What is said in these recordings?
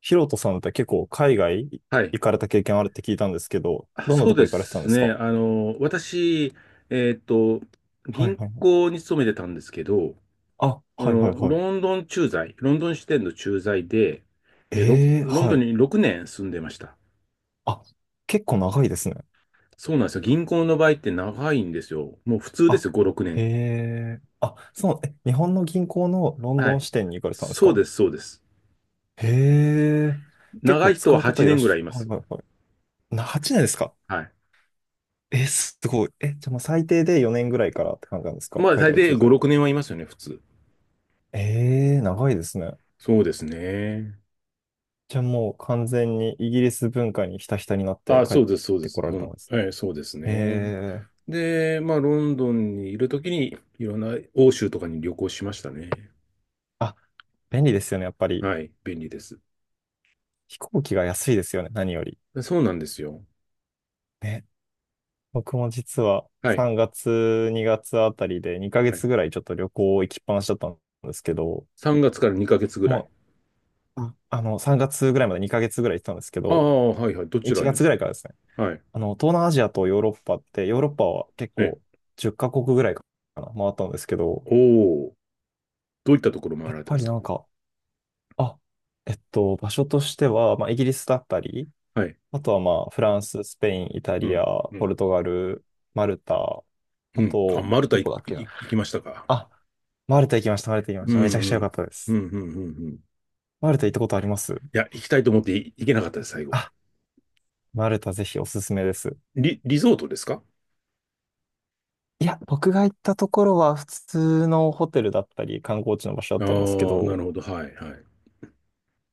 ヒロトさんって結構海外はい。行かれた経験あるって聞いたんですけど、あ、どんなそうとこで行かれてたんすですね。か？私、えっと、はい銀はいはい。行に勤めてたんですけど、あ、はいはいはい。ロンドン駐在、ロンドン支店の駐在で、ええロンはドンい。に6年住んでました。あ、結構長いですね。そうなんですよ。銀行の場合って長いんですよ。もう普通であ、すよ、5、6へ年。え。あ、そう、え、日本の銀行のロンはドンい。支店に行かれてたんですそうか？です、そうです。へえ。結長構い人使はう方8いらっ年ぐらしいいまゃ、はいす。はいはい。8年ですか？はい。え、すごい。え、じゃあもう最低で4年ぐらいからって感じなんですか、まあ、海大外体駐5、在は？6年はいますよね、普通。ええ、長いですね。そうですね。じゃあもう完全にイギリス文化にひたひたになってあ、帰っそうです、そうでてす。こられほたん、んですね。えーそうですへね。え。で、まあ、ロンドンにいるときに、いろんな欧州とかに旅行しましたね。あ、便利ですよね、やっぱり。はい、便利です。飛行機が安いですよね、何より。そうなんですよ。ね。僕も実ははい、3月、2月あたりで2ヶは月い。ぐらいちょっと旅行行きっぱなしだったんですけど、3月から2ヶ月ぐらい。もう、3月ぐらいまで2ヶ月ぐらい行ってたんですけあど、あ、はい、はい。どち1ら月に？ぐらいからですね。はい。あの、東南アジアとヨーロッパって、ヨーロッパは結ね。構10カ国ぐらいかな、回ったんですけど、おお、どういったところ回やっられたんぱでりすなか？んか、あ場所としては、まあ、イギリスだったり、はい。あとはまあ、フランス、スペイン、イタうリん、ア、うポん、ルトガル、マルタ、うあん。あ、と、マルタどいこだっけいな。行きましたか？あ、マルタ行きました、マルタ行きまうした。めちゃくちゃん、う良かん、ったでうす。ん、うん、うん。うん。マルタ行ったことあります？いや、行きたいと思ってい行けなかったです、最後は。あ、マルタぜひおすすめです。リゾートですか？いや、僕が行ったところは普通のホテルだったり、観光地の場所だっああたんですけー、など、るほど。はい、はい。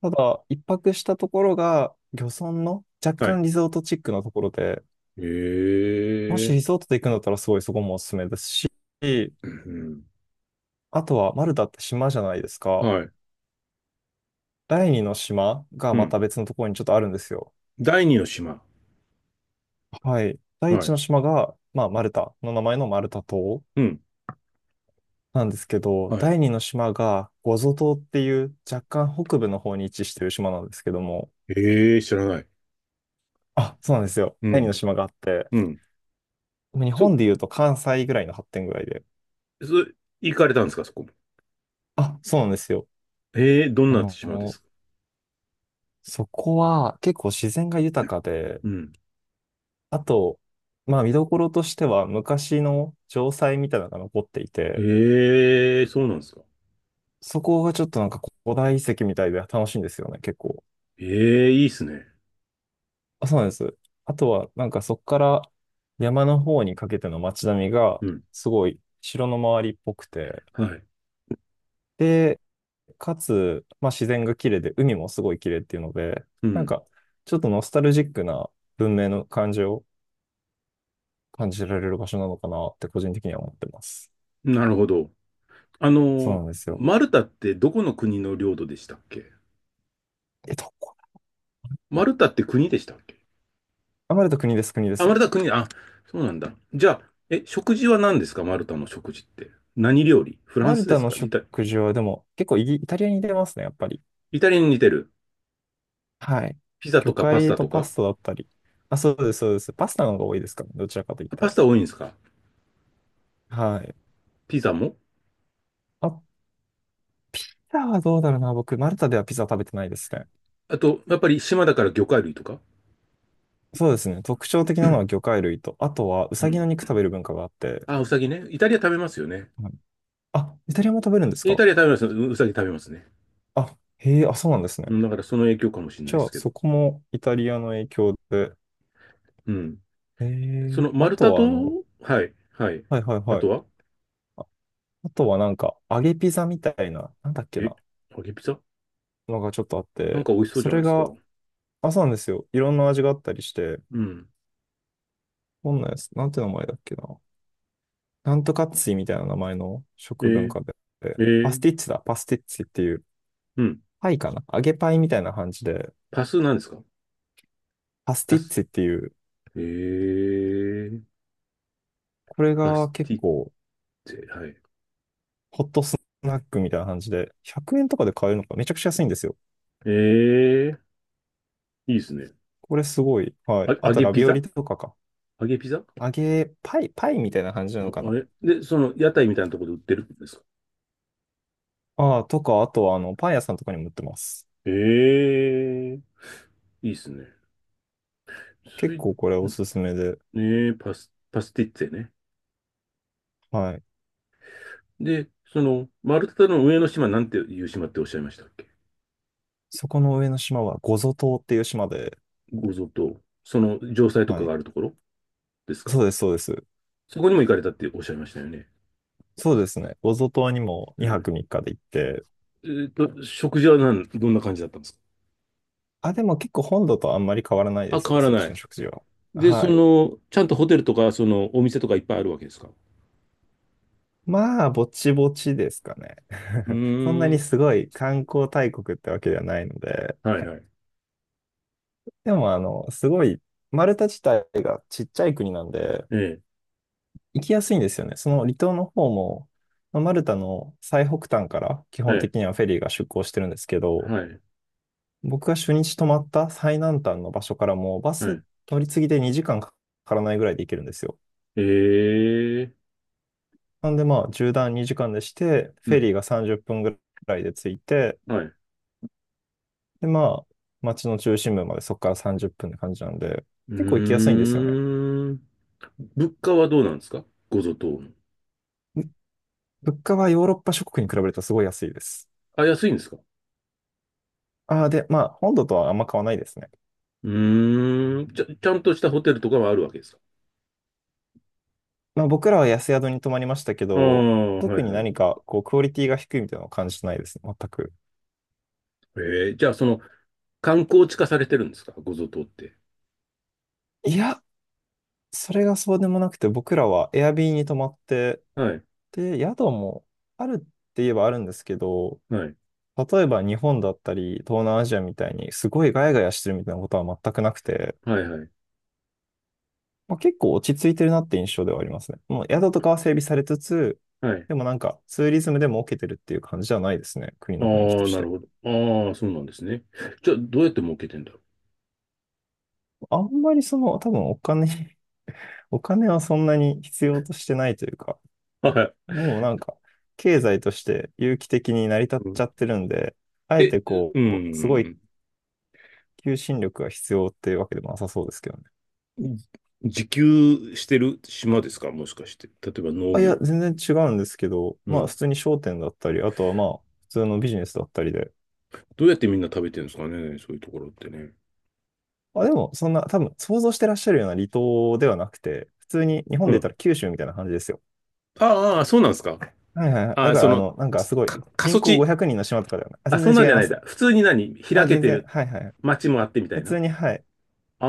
ただ、一泊したところが、漁村の若はい。干リゾートチックなところで、えもしえ、リゾートで行くんだったらすごいそこもおすすめですし、うん、あとはマルタって島じゃないですうん。か。はい。第二の島がうまん。た別のところにちょっとあるんですよ。第二の島。はい。第は一い。の島が、まあ、マルタの名前のマルタ島うん。なんですけど、はい。第二の島がゴゾ島っていう若干北部の方に位置してる島なんですけども、ええー、知らない。あ、そうなんですよ。う第二のん。島があって、うん。日そ、本で言うと関西ぐらいの発展ぐらいで。そ、行かれたんですか、そこも？あ、そうなんですよ。ええー、どんあな島ですの、か？そこは結構自然が豊かで、うん。あと、まあ見どころとしては昔の城塞みたいなのが残っていて、ええー、そうなんですか。そこがちょっとなんか古代遺跡みたいで楽しいんですよね、結構。ええー、いいっすね。あ、そうなんです。あとはなんかそこから山の方にかけての街並みがうん。すごい城の周りっぽくて、はい。で、かつ、まあ自然が綺麗で海もすごい綺麗っていうので、うなんん。かちょっとノスタルジックな文明の感じを感じられる場所なのかなって個人的には思ってます。なるほど。そうなんですよ。マルタってどこの国の領土でしたっけ？え、どこマだ。ルタって国でしたっけ？あ、マルタ国です、国であ、マルす。タ国、あ、そうなんだ。じゃあ、え、食事は何ですか？マルタの食事って。何料理？フラマンルスでタすのか？食事はでも結構イタリアに似てますね、やっぱり。イタリアに似てる。はい。ピザと魚かパス介タととパか。スタだったり。あ、そうです、そうです。パスタの方が多いですかね、どちらかと言っあ、たパスら。タ多いんですか？はい。ピザも。あ、ピザはどうだろうな、僕、マルタではピザ食べてないですね。あと、やっぱり島だから魚介類とか。 そうですね。特徴的 うなのは魚介類と、あとはウサギの肉ん。食べる文化があって。あ、ウサギね。イタリア食べますよね。はい。あ、イタリアも食べるんですイか？タリア食べます。ウサギ食べますね。あ、へえ、あ、そうなんですね。うん、だからその影響かもしれないじでゃあ、すけど。そこもイタリアの影響で。うん。そのあ丸と太と、はあの、はい、はい。はいはいあはとい。はあとはなんか、揚げピザみたいな、なんだっけえ、な、揚げピザ。のがちょっとあっなんて、か美味しそうじそゃないれですか。が、あ、そうなんですよ。いろんな味があったりして、うん。どんなやつ、なんて名前だっけな。なんとかっついみたいな名前のえ食文ー、化で、えパスー、ティッツだ、パスティッツっていう、うん。パイかな、揚げパイみたいな感じで、パスなんですか？パスパティッス。ツっていう、えー、これパスが結ティッ構、ツェ、はい。ホットスナックみたいな感じで、100円とかで買えるのか、めちゃくちゃ安いんですよ。えー、いいですね。これすごい。はい。あ、あ揚と、げラピビオリザとかか。揚げピザ。揚げパイ、パイみたいな感じなのかな。で、その屋台みたいなところで売ってるんですか？ああ、とか、あとは、あの、パン屋さんとかにも売ってます。ええ、いいっすね。ス結イ、ん構これおすすめで、ねえ、パスティッツェね。はい。で、その、マルタの上の島なんていう島っておっしゃいましたっけ？そこの上の島は、ゴゾ島っていう島で、ゴゾと、その城塞とかはがい。あるところですか？そうです、そうです。そこにも行かれたっておっしゃいましたよね。そうですね。ゴゾ島にもう2ん。泊3日で行って、えーと、食事はどんな感じだったんですか？あ、でも結構本土とあんまり変わらないであ、す、変わらそっなちい。の食事は。で、そはい。の、ちゃんとホテルとか、その、お店とかいっぱいあるわけですか？うまあ、ぼちぼちですかね。ー そんなにん。すごい観光大国ってわけではないので、はいはい。でも、あの、すごい、マルタ自体がちっちゃい国なんで、ええ、行きやすいんですよね、その離島の方も。まあマルタの最北端から基は本い、的にはフェリーが出港してるんですけど、はい、僕が初日泊まった最南端の場所からもバはスい。乗り継ぎで2時間かからないぐらいで行けるんですよ。ええ、なんでまあ縦断2時間でして、うフェん、リーが30分ぐらいで着いて、はい。うでまあ街の中心部までそこから30分っぷんって感じなんで、結構行きやすーいんですよね。ん。物価はどうなんですか、ごゾ島の？ぶ物価はヨーロッパ諸国に比べるとすごい安いです。あ、安いんですか？ああ、で、まあ本土とはあんま変わらないですね。うーん。ちゃんとしたホテルとかはあるわけですか？まあ、僕らは安宿に泊まりましたけああ、ど、は特いにはい。何かこうクオリティが低いみたいなのを感じてないですね、全く。ええ、じゃあその、観光地化されてるんですか、ごゾ島って？いや、それがそうでもなくて、僕らはエアビーに泊まって、はい、で、宿もあるって言えばあるんですけど、はい、例えば日本だったり、東南アジアみたいにすごいガヤガヤしてるみたいなことは全くなくて、はい、はい、まあ、結構落ち着いてるなって印象ではありますね。もう宿とかは整備されつつ、はい。でもなんかツーリズムでも受けてるっていう感じじゃないですね、国あの雰囲気とあ、しなるて。ほど。ああ、そうなんですね。じゃあ、どうやって儲けてんだろあんまりその、多分お金はそんなに必要としてないというか、う。はい。もうなんか、経済として有機的に成り立っうん、ちゃってるんで、あええ、てこうう、すごいん。求心力が必要っていうわけでもなさそうですけどね。じ自給してる島ですか、もしかして？例えば農あ、いや、業。全然違うんですけど、うまあ、ん。普通に商店だったり、あとはまあ、普通のビジネスだったりで、どうやってみんな食べてるんですかね、そういうところってね。あ、でも、そんな、多分、想像してらっしゃるような離島ではなくて、普通に日本うで言ったん。ら九州みたいな感じですよ。ああ、ああ、そうなんですか。はいはいはい。あだあ、かそら、あの、の、なんかすすごい、か、過人疎口地。500人の島とかではない。あ、あ、そ全んなん然違じいゃまないんす。だ。普通に何開あ、け全て然、るはいはい。街もあってみた普いな。通に、はい。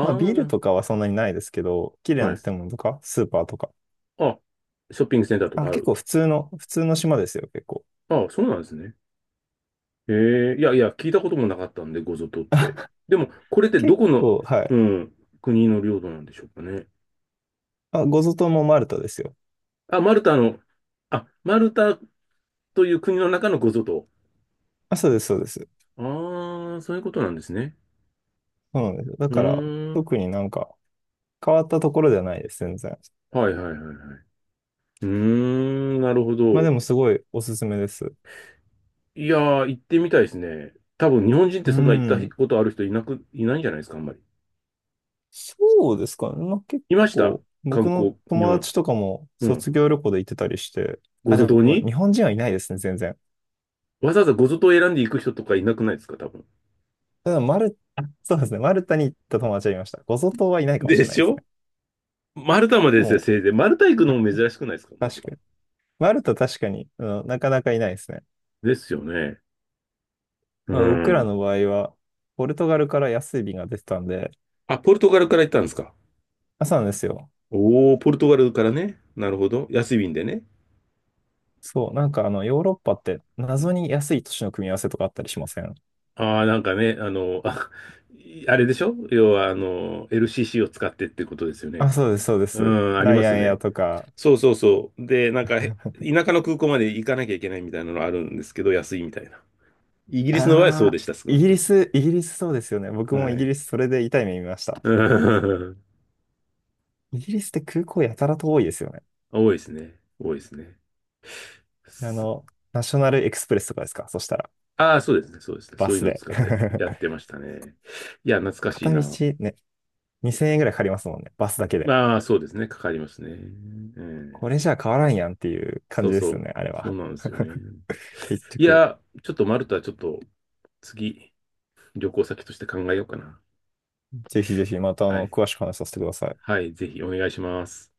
まあ、ビールとかはそんなにないですけど、綺あ、麗はない。建物とか、スーパーとか。あ、ショッピングセンターとあ、かあ結構る。普通の、普通の島ですよ、結構。ああ、そうなんですね。へえ、いやいや、聞いたこともなかったんで、ごぞとって。でも、これってど結この、構、はうい。ん、国の領土なんでしょうかね。あ、ゴゾ島もマルタですよ。あ、マルタの、あ、マルタという国の中のごぞと。あ、そうです、そうです。ああ、そういうことなんですね。そうなんですよ。だうから、ーん。特になんか変わったところではないです、全然。はいはいはいはい。うーん、なるほまあでど。もすごいおすすめです。いやー、行ってみたいですね。多分日本人ってうそんな行ったん。ことある人いないんじゃないですか、あんまり。そうですかね。まあ結いました構、観僕の光、日友本。達とかもうん。卒業旅行で行ってたりして、ごあ、ゾで島もに日本人はいないですね、全然。わざわざごゾ島を選んで行く人とかいなくないですか、多分。ただ、あそうですね、マルタに行った友達はいました。ゴゾ島はいないかもしでれないしですょ。ね。マルタまででですよ、も、せいぜい。マルタ行くのも珍しくないですか、まず確は。かに。マルタ確かに、うん、なかなかいないですね。ですよね。うまあ、僕らん。の場合は、ポルトガルから安い便が出てたんで、あ、ポルトガルから行ったんですか。朝なんですよ。おー、ポルトガルからね。なるほど。安い便でね。そう、なんかあの、ヨーロッパって謎に安い都市の組み合わせとかあったりしません？ああ、なんかね、あ、あれでしょ要は、LCC を使ってってことですよね。あ、そうです、そうでうす。ん、ありラまイアすンエアね。とか。そうそうそう。で、なんか、田舎の空港まで行かなきゃいけないみたいなのあるんですけど、安いみたいな。イギリスの場合はそあうであ、した、少なくとも。イギリスそうですよね。僕はもイギい。リスそれで痛い目見ました。うん。 イギリスって空港やたらと多いですよね。多いですね。多いですね。あの、ナショナルエクスプレスとかですか、そしたら。ああ、そうですね。そうですね。バそういうスのをで。使ったりやって ましたね。いや、懐かしい片道な。ね、2000円ぐらいかかりますもんね、バスだけで。まあ、そうですね。かかりますね。ええ、これじゃあ変わらんやんっていう感そうじでそすよう。ね、あれそうは。なんですよね。結い局。や、ちょっとマルタ、ちょっと次、旅行先として考えようかな。ぜひぜひまたあはの、い。詳しく話させてください。はい、ぜひお願いします。